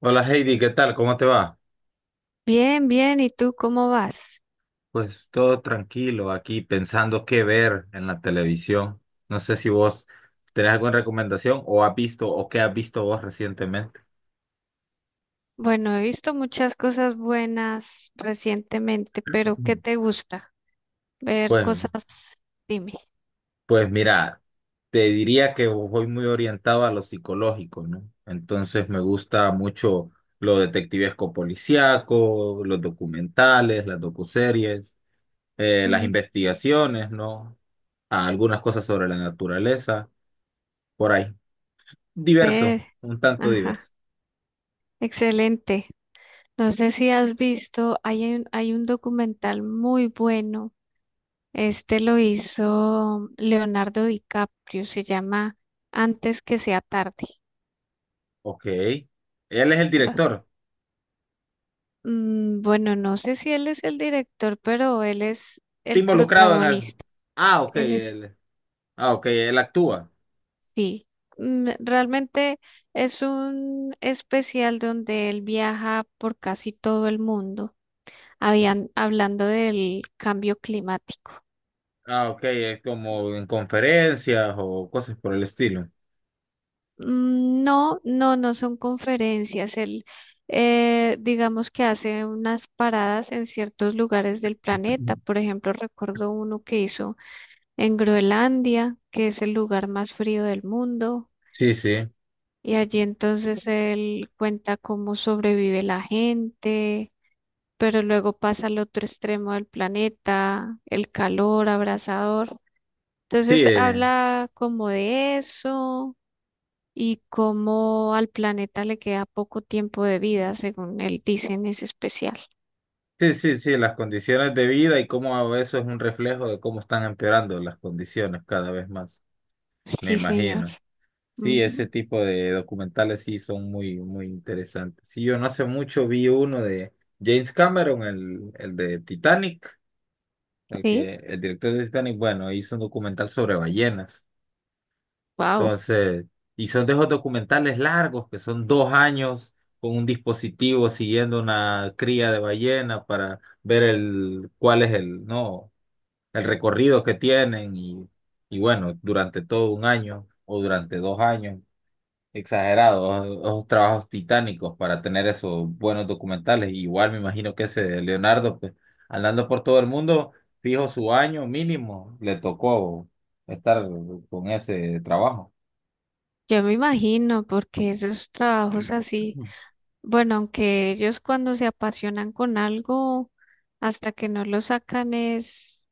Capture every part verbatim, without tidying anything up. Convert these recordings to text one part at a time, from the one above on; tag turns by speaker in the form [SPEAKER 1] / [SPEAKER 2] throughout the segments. [SPEAKER 1] Hola Heidi, ¿qué tal? ¿Cómo te va?
[SPEAKER 2] Bien, bien, ¿y tú cómo vas?
[SPEAKER 1] Pues todo tranquilo aquí pensando qué ver en la televisión. No sé si vos tenés alguna recomendación o has visto o qué has visto vos recientemente.
[SPEAKER 2] Bueno, he visto muchas cosas buenas recientemente, pero ¿qué
[SPEAKER 1] Ujú.
[SPEAKER 2] te gusta? Ver
[SPEAKER 1] Pues,
[SPEAKER 2] cosas, dime.
[SPEAKER 1] pues mira, te diría que voy muy orientado a lo psicológico, ¿no? Entonces me gusta mucho lo detectivesco policíaco, los documentales, las docuseries, eh, las
[SPEAKER 2] Ujú.
[SPEAKER 1] investigaciones, ¿no? Algunas cosas sobre la naturaleza, por ahí. Diverso,
[SPEAKER 2] Ver,
[SPEAKER 1] un tanto
[SPEAKER 2] ajá,
[SPEAKER 1] diverso.
[SPEAKER 2] excelente. No sé si has visto, hay un, hay un documental muy bueno. Este lo hizo Leonardo DiCaprio, se llama Antes que sea tarde.
[SPEAKER 1] Ok. Él es el
[SPEAKER 2] Bu-
[SPEAKER 1] director.
[SPEAKER 2] mm, Bueno, no sé si él es el director, pero él es
[SPEAKER 1] Está
[SPEAKER 2] el
[SPEAKER 1] involucrado en el.
[SPEAKER 2] protagonista.
[SPEAKER 1] Ah, ok,
[SPEAKER 2] Él es
[SPEAKER 1] él. Ah, ok, él actúa.
[SPEAKER 2] sí, mm, realmente es un especial donde él viaja por casi todo el mundo, habían, hablando del cambio climático.
[SPEAKER 1] Ah, ok, es como en conferencias o cosas por el estilo.
[SPEAKER 2] Mm, No, no, no son conferencias. Él, eh, digamos que hace unas paradas en ciertos lugares del planeta. Por ejemplo, recuerdo uno que hizo en Groenlandia, que es el lugar más frío del mundo.
[SPEAKER 1] Sí, sí.
[SPEAKER 2] Y allí entonces él cuenta cómo sobrevive la gente, pero luego pasa al otro extremo del planeta, el calor abrasador.
[SPEAKER 1] Sí,
[SPEAKER 2] Entonces
[SPEAKER 1] eh,
[SPEAKER 2] habla como de eso y cómo al planeta le queda poco tiempo de vida, según él dice en ese especial.
[SPEAKER 1] sí, sí, sí, las condiciones de vida y cómo eso es un reflejo de cómo están empeorando las condiciones cada vez más, me
[SPEAKER 2] Sí, señor.
[SPEAKER 1] imagino. Sí,
[SPEAKER 2] Ujú.
[SPEAKER 1] ese tipo de documentales sí son muy, muy interesantes. Sí, yo no hace mucho vi uno de James Cameron, el, el de Titanic, el
[SPEAKER 2] Sí,
[SPEAKER 1] que, el director de Titanic, bueno, hizo un documental sobre ballenas.
[SPEAKER 2] wow.
[SPEAKER 1] Entonces, y son de esos documentales largos que son dos años con un dispositivo siguiendo una cría de ballena para ver el, cuál es el, no, el recorrido que tienen y, y bueno, durante todo un año o durante dos años. Exagerados, esos trabajos titánicos para tener esos buenos documentales. Igual me imagino que ese Leonardo, pues, andando por todo el mundo, fijo su año mínimo, le tocó estar con ese trabajo.
[SPEAKER 2] Yo me imagino, porque esos trabajos así, bueno, aunque ellos cuando se apasionan con algo, hasta que no lo sacan es,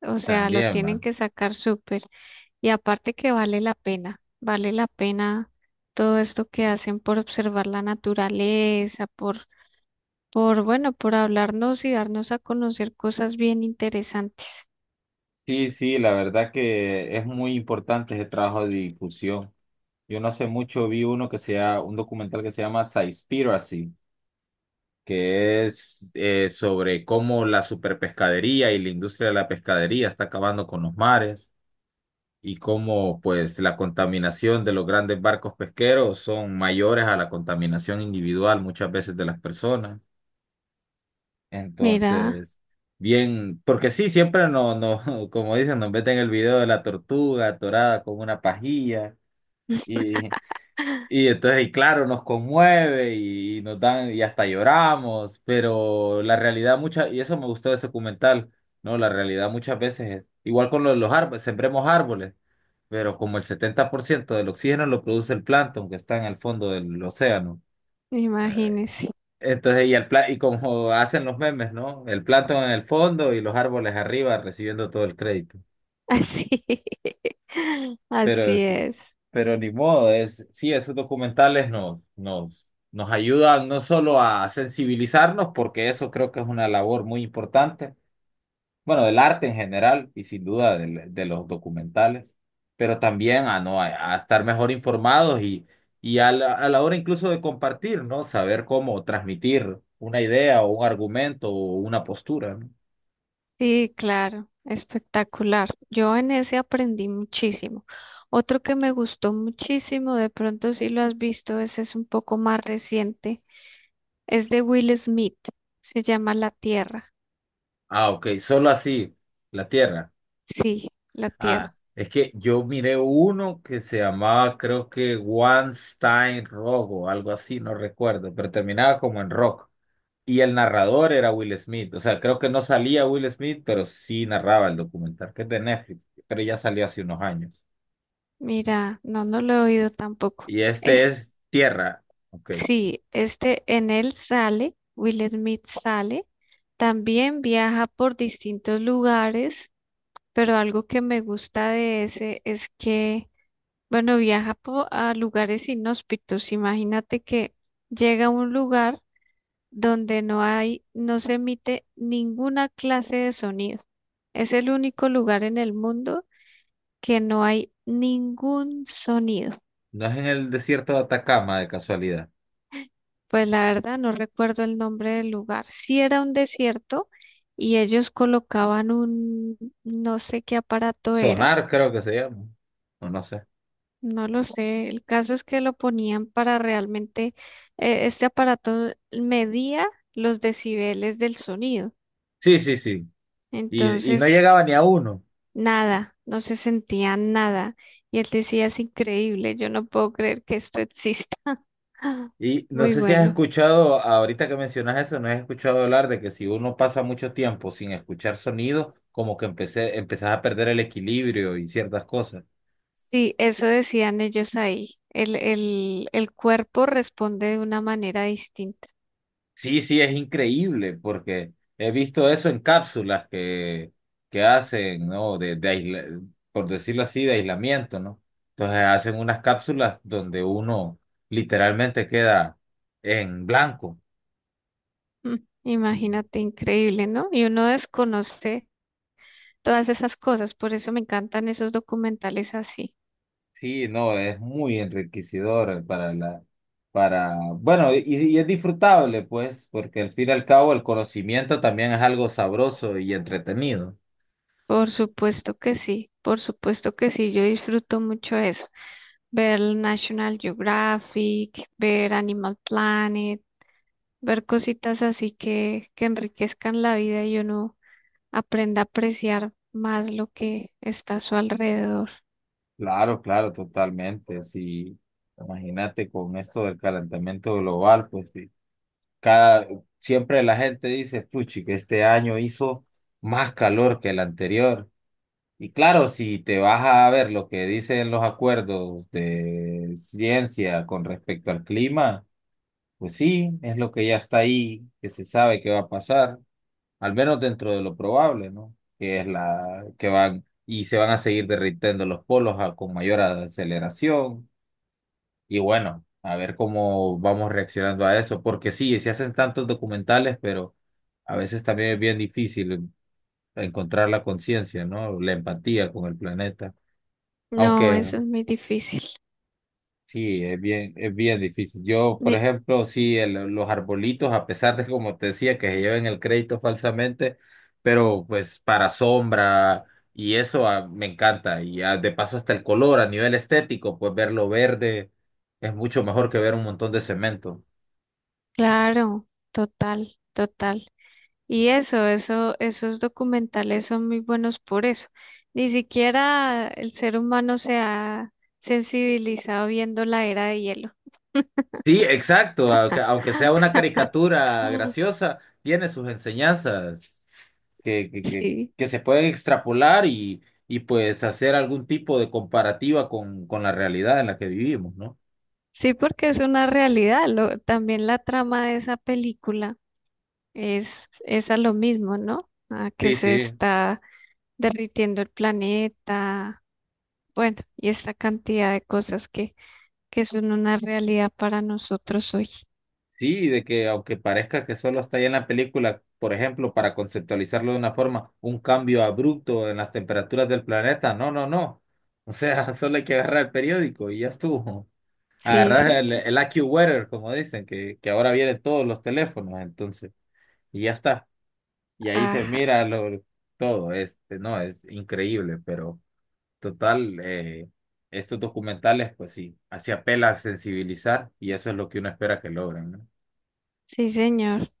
[SPEAKER 2] o sea, lo
[SPEAKER 1] También,
[SPEAKER 2] tienen
[SPEAKER 1] man.
[SPEAKER 2] que sacar súper. Y aparte que vale la pena, vale la pena todo esto que hacen por observar la naturaleza, por, por, bueno, por hablarnos y darnos a conocer cosas bien interesantes.
[SPEAKER 1] Sí, sí, la verdad que es muy importante ese trabajo de difusión. Yo no sé mucho, vi uno que sea un documental que se llama Seaspiracy que es eh, sobre cómo la superpescadería y la industria de la pescadería está acabando con los mares y cómo pues la contaminación de los grandes barcos pesqueros son mayores a la contaminación individual muchas veces de las personas.
[SPEAKER 2] Mira,
[SPEAKER 1] Entonces, bien, porque sí, siempre no, no, como dicen, nos meten el video de la tortuga atorada con una pajilla. y y entonces, y claro, nos conmueve y, y nos dan, y hasta lloramos, pero la realidad mucha, y eso me gustó de ese documental, ¿no? La realidad muchas veces es, igual con los, los árboles, sembremos árboles, pero como el setenta por ciento del oxígeno lo produce el plancton que está en el fondo del océano. Eh,
[SPEAKER 2] imagínese.
[SPEAKER 1] entonces, y, el, pla- y como hacen los memes, ¿no? El plancton en el fondo y los árboles arriba recibiendo todo el crédito.
[SPEAKER 2] Así, así
[SPEAKER 1] Pero sí,
[SPEAKER 2] es.
[SPEAKER 1] pero ni modo, es, sí, esos documentales nos, nos, nos ayudan no solo a sensibilizarnos, porque eso creo que es una labor muy importante, bueno, del arte en general y sin duda del- de, los documentales, pero también a, no, a, a estar mejor informados y, y a la, a la hora incluso de compartir, ¿no? Saber cómo transmitir una idea o un argumento o una postura, ¿no?
[SPEAKER 2] Sí, claro, espectacular. Yo en ese aprendí muchísimo. Otro que me gustó muchísimo, de pronto si lo has visto, ese es un poco más reciente, es de Will Smith, se llama La Tierra.
[SPEAKER 1] Ah, ok, solo así, la tierra.
[SPEAKER 2] Sí, la Tierra.
[SPEAKER 1] Ah, es que yo miré uno que se llamaba, creo que One Stein Rock o algo así, no recuerdo, pero terminaba como en rock. Y el narrador era Will Smith. O sea, creo que no salía Will Smith, pero sí narraba el documental, que es de Netflix, pero ya salió hace unos años.
[SPEAKER 2] Mira, no, no lo he oído tampoco.
[SPEAKER 1] Y este
[SPEAKER 2] Es,
[SPEAKER 1] es Tierra. Ok.
[SPEAKER 2] sí, este en él sale, Will Smith sale, también viaja por distintos lugares, pero algo que me gusta de ese es que, bueno, viaja po- a lugares inhóspitos. Imagínate que llega a un lugar donde no hay, no se emite ninguna clase de sonido. Es el único lugar en el mundo que no hay ningún sonido.
[SPEAKER 1] No es en el desierto de Atacama, de casualidad.
[SPEAKER 2] Pues la verdad no recuerdo el nombre del lugar. Sí era un desierto y ellos colocaban un, no sé qué aparato era,
[SPEAKER 1] Sonar, creo que se llama. O no sé.
[SPEAKER 2] no lo sé. El caso es que lo ponían para realmente, eh, este aparato medía los decibeles del sonido.
[SPEAKER 1] Sí, sí, sí. Y, y no
[SPEAKER 2] Entonces,
[SPEAKER 1] llegaba ni a uno.
[SPEAKER 2] nada, no se sentía nada. Y él decía, es increíble, yo no puedo creer que esto exista.
[SPEAKER 1] Y no
[SPEAKER 2] Muy
[SPEAKER 1] sé si has
[SPEAKER 2] bueno.
[SPEAKER 1] escuchado, ahorita que mencionas eso, no has escuchado hablar de que si uno pasa mucho tiempo sin escuchar sonidos, como que empecé, empezás a perder el equilibrio y ciertas cosas.
[SPEAKER 2] Sí, eso decían ellos ahí. El, el, el cuerpo responde de una manera distinta.
[SPEAKER 1] Sí, sí, es increíble, porque he visto eso en cápsulas que, que hacen, ¿no? De, de aisla- por decirlo así, de aislamiento, ¿no? Entonces hacen unas cápsulas donde uno literalmente queda en blanco.
[SPEAKER 2] Mm, Imagínate, increíble, ¿no? Y uno desconoce todas esas cosas, por eso me encantan esos documentales así.
[SPEAKER 1] Sí, no, es muy enriquecedor para la, para, bueno, y, y es disfrutable, pues, porque al fin y al cabo el conocimiento también es algo sabroso y entretenido.
[SPEAKER 2] Por supuesto que sí, por supuesto que sí, yo disfruto mucho eso. Ver el National Geographic, ver Animal Planet, ver cositas así que, que enriquezcan la vida y uno aprenda a apreciar más lo que está a su alrededor.
[SPEAKER 1] Claro, claro, totalmente. Sí, imagínate con esto del calentamiento global, pues sí, cada, siempre la gente dice, puchi, que este año hizo más calor que el anterior. Y claro, si te vas a ver lo que dicen los acuerdos de ciencia con respecto al clima, pues sí, es lo que ya está ahí, que se sabe que va a pasar, al menos dentro de lo probable, ¿no? Que es la que van y se van a seguir derritiendo los polos a- con mayor aceleración y bueno, a ver cómo vamos reaccionando a eso, porque sí, se hacen tantos documentales, pero a veces también es bien difícil encontrar la conciencia, ¿no? La empatía con el planeta,
[SPEAKER 2] No,
[SPEAKER 1] aunque
[SPEAKER 2] eso es muy difícil.
[SPEAKER 1] sí, es bien, es bien difícil. Yo, por
[SPEAKER 2] Ni-
[SPEAKER 1] ejemplo, sí, el- los arbolitos, a pesar de, como te decía, que se lleven el crédito falsamente, pero pues para sombra y eso ah, me encanta. Y ah, de paso hasta el color a nivel estético, pues verlo verde es mucho mejor que ver un montón de cemento.
[SPEAKER 2] claro, total, total. Y eso, eso, esos documentales son muy buenos por eso. Ni siquiera el ser humano se ha sensibilizado viendo la era de hielo.
[SPEAKER 1] Sí, exacto, aunque, aunque sea una caricatura graciosa, tiene sus enseñanzas. que, que, que,
[SPEAKER 2] Sí,
[SPEAKER 1] que se pueden extrapolar y, y pues hacer algún tipo de comparativa con, con la realidad en la que vivimos, ¿no?
[SPEAKER 2] sí, porque es una realidad. Lo, también la trama de esa película es, es a lo mismo, ¿no? A que
[SPEAKER 1] Sí,
[SPEAKER 2] se
[SPEAKER 1] sí,
[SPEAKER 2] está derritiendo el planeta, bueno, y esta cantidad de cosas que, que son una realidad para nosotros hoy.
[SPEAKER 1] sí, de que aunque parezca que solo está ahí en la película, por ejemplo, para conceptualizarlo de una forma, un cambio abrupto en las temperaturas del planeta, no, no, no. O sea, solo hay que agarrar el periódico y ya estuvo.
[SPEAKER 2] Sí,
[SPEAKER 1] Agarrar el,
[SPEAKER 2] señor.
[SPEAKER 1] el AccuWeather, como dicen, que, que ahora vienen todos los teléfonos, entonces, y ya está. Y ahí se
[SPEAKER 2] Ajá,
[SPEAKER 1] mira lo, todo, este, no, es increíble, pero total, eh, estos documentales, pues sí, así apela a sensibilizar y eso es lo que uno espera que logren, ¿no?
[SPEAKER 2] sí, señor.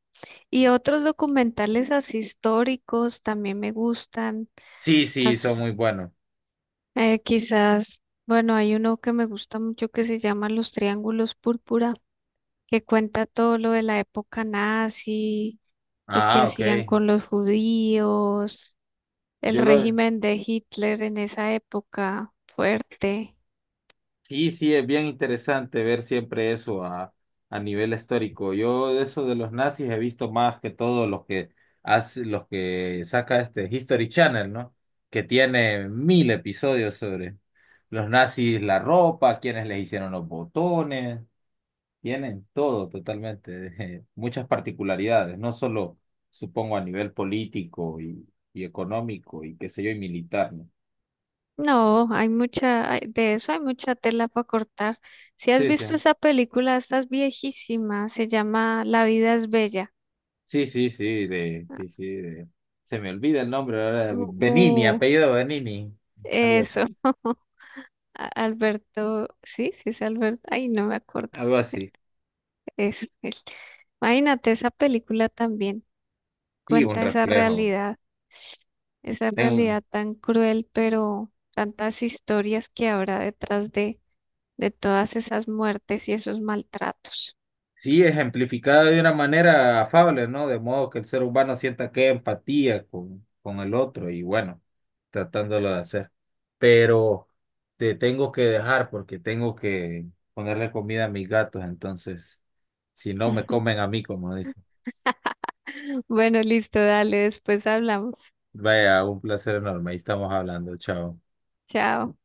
[SPEAKER 2] Y otros documentales así históricos también me gustan.
[SPEAKER 1] Sí, sí, son
[SPEAKER 2] Las,
[SPEAKER 1] muy buenos.
[SPEAKER 2] eh, quizás, bueno, hay uno que me gusta mucho que se llama Los Triángulos Púrpura, que cuenta todo lo de la época nazi, lo que
[SPEAKER 1] Ah, ok.
[SPEAKER 2] hacían con los judíos el
[SPEAKER 1] Yo lo,
[SPEAKER 2] régimen de Hitler en esa época fuerte.
[SPEAKER 1] Sí, sí, es bien interesante ver siempre eso a, a nivel histórico. Yo de eso de los nazis he visto más que todo los que hace, los que saca este History Channel, ¿no? Que tiene mil episodios sobre los nazis, la ropa, quienes les hicieron los botones, tienen todo totalmente, muchas particularidades, no solo supongo a nivel político y, y económico y qué sé yo, y militar, ¿no?
[SPEAKER 2] No, hay mucha, hay- de eso hay mucha tela para cortar. Si has
[SPEAKER 1] Sí, sí.
[SPEAKER 2] visto esa película, esta es viejísima, se llama La vida es bella.
[SPEAKER 1] Sí, sí, sí, de,
[SPEAKER 2] Ah,
[SPEAKER 1] sí, sí, de- Se me olvida el nombre ahora,
[SPEAKER 2] mu-
[SPEAKER 1] Benini,
[SPEAKER 2] mu-
[SPEAKER 1] apellido Benini, algo,
[SPEAKER 2] eso. A- Alberto, sí, sí es Alberto, ay, no me acuerdo.
[SPEAKER 1] algo así.
[SPEAKER 2] Eso, él. Imagínate esa película también,
[SPEAKER 1] Sí, un
[SPEAKER 2] cuenta esa
[SPEAKER 1] reflejo.
[SPEAKER 2] realidad, esa
[SPEAKER 1] En-
[SPEAKER 2] realidad tan cruel, pero tantas historias que habrá detrás de de todas esas muertes y esos maltratos.
[SPEAKER 1] sí, ejemplificado de una manera afable, ¿no? De modo que el ser humano sienta que empatía con, con el otro y bueno, tratándolo de hacer. Pero te tengo que dejar porque tengo que ponerle comida a mis gatos, entonces, si no me comen a mí, como dicen.
[SPEAKER 2] Bueno, listo, dale, después hablamos.
[SPEAKER 1] Vaya, un placer enorme, ahí estamos hablando, chao.
[SPEAKER 2] Chao.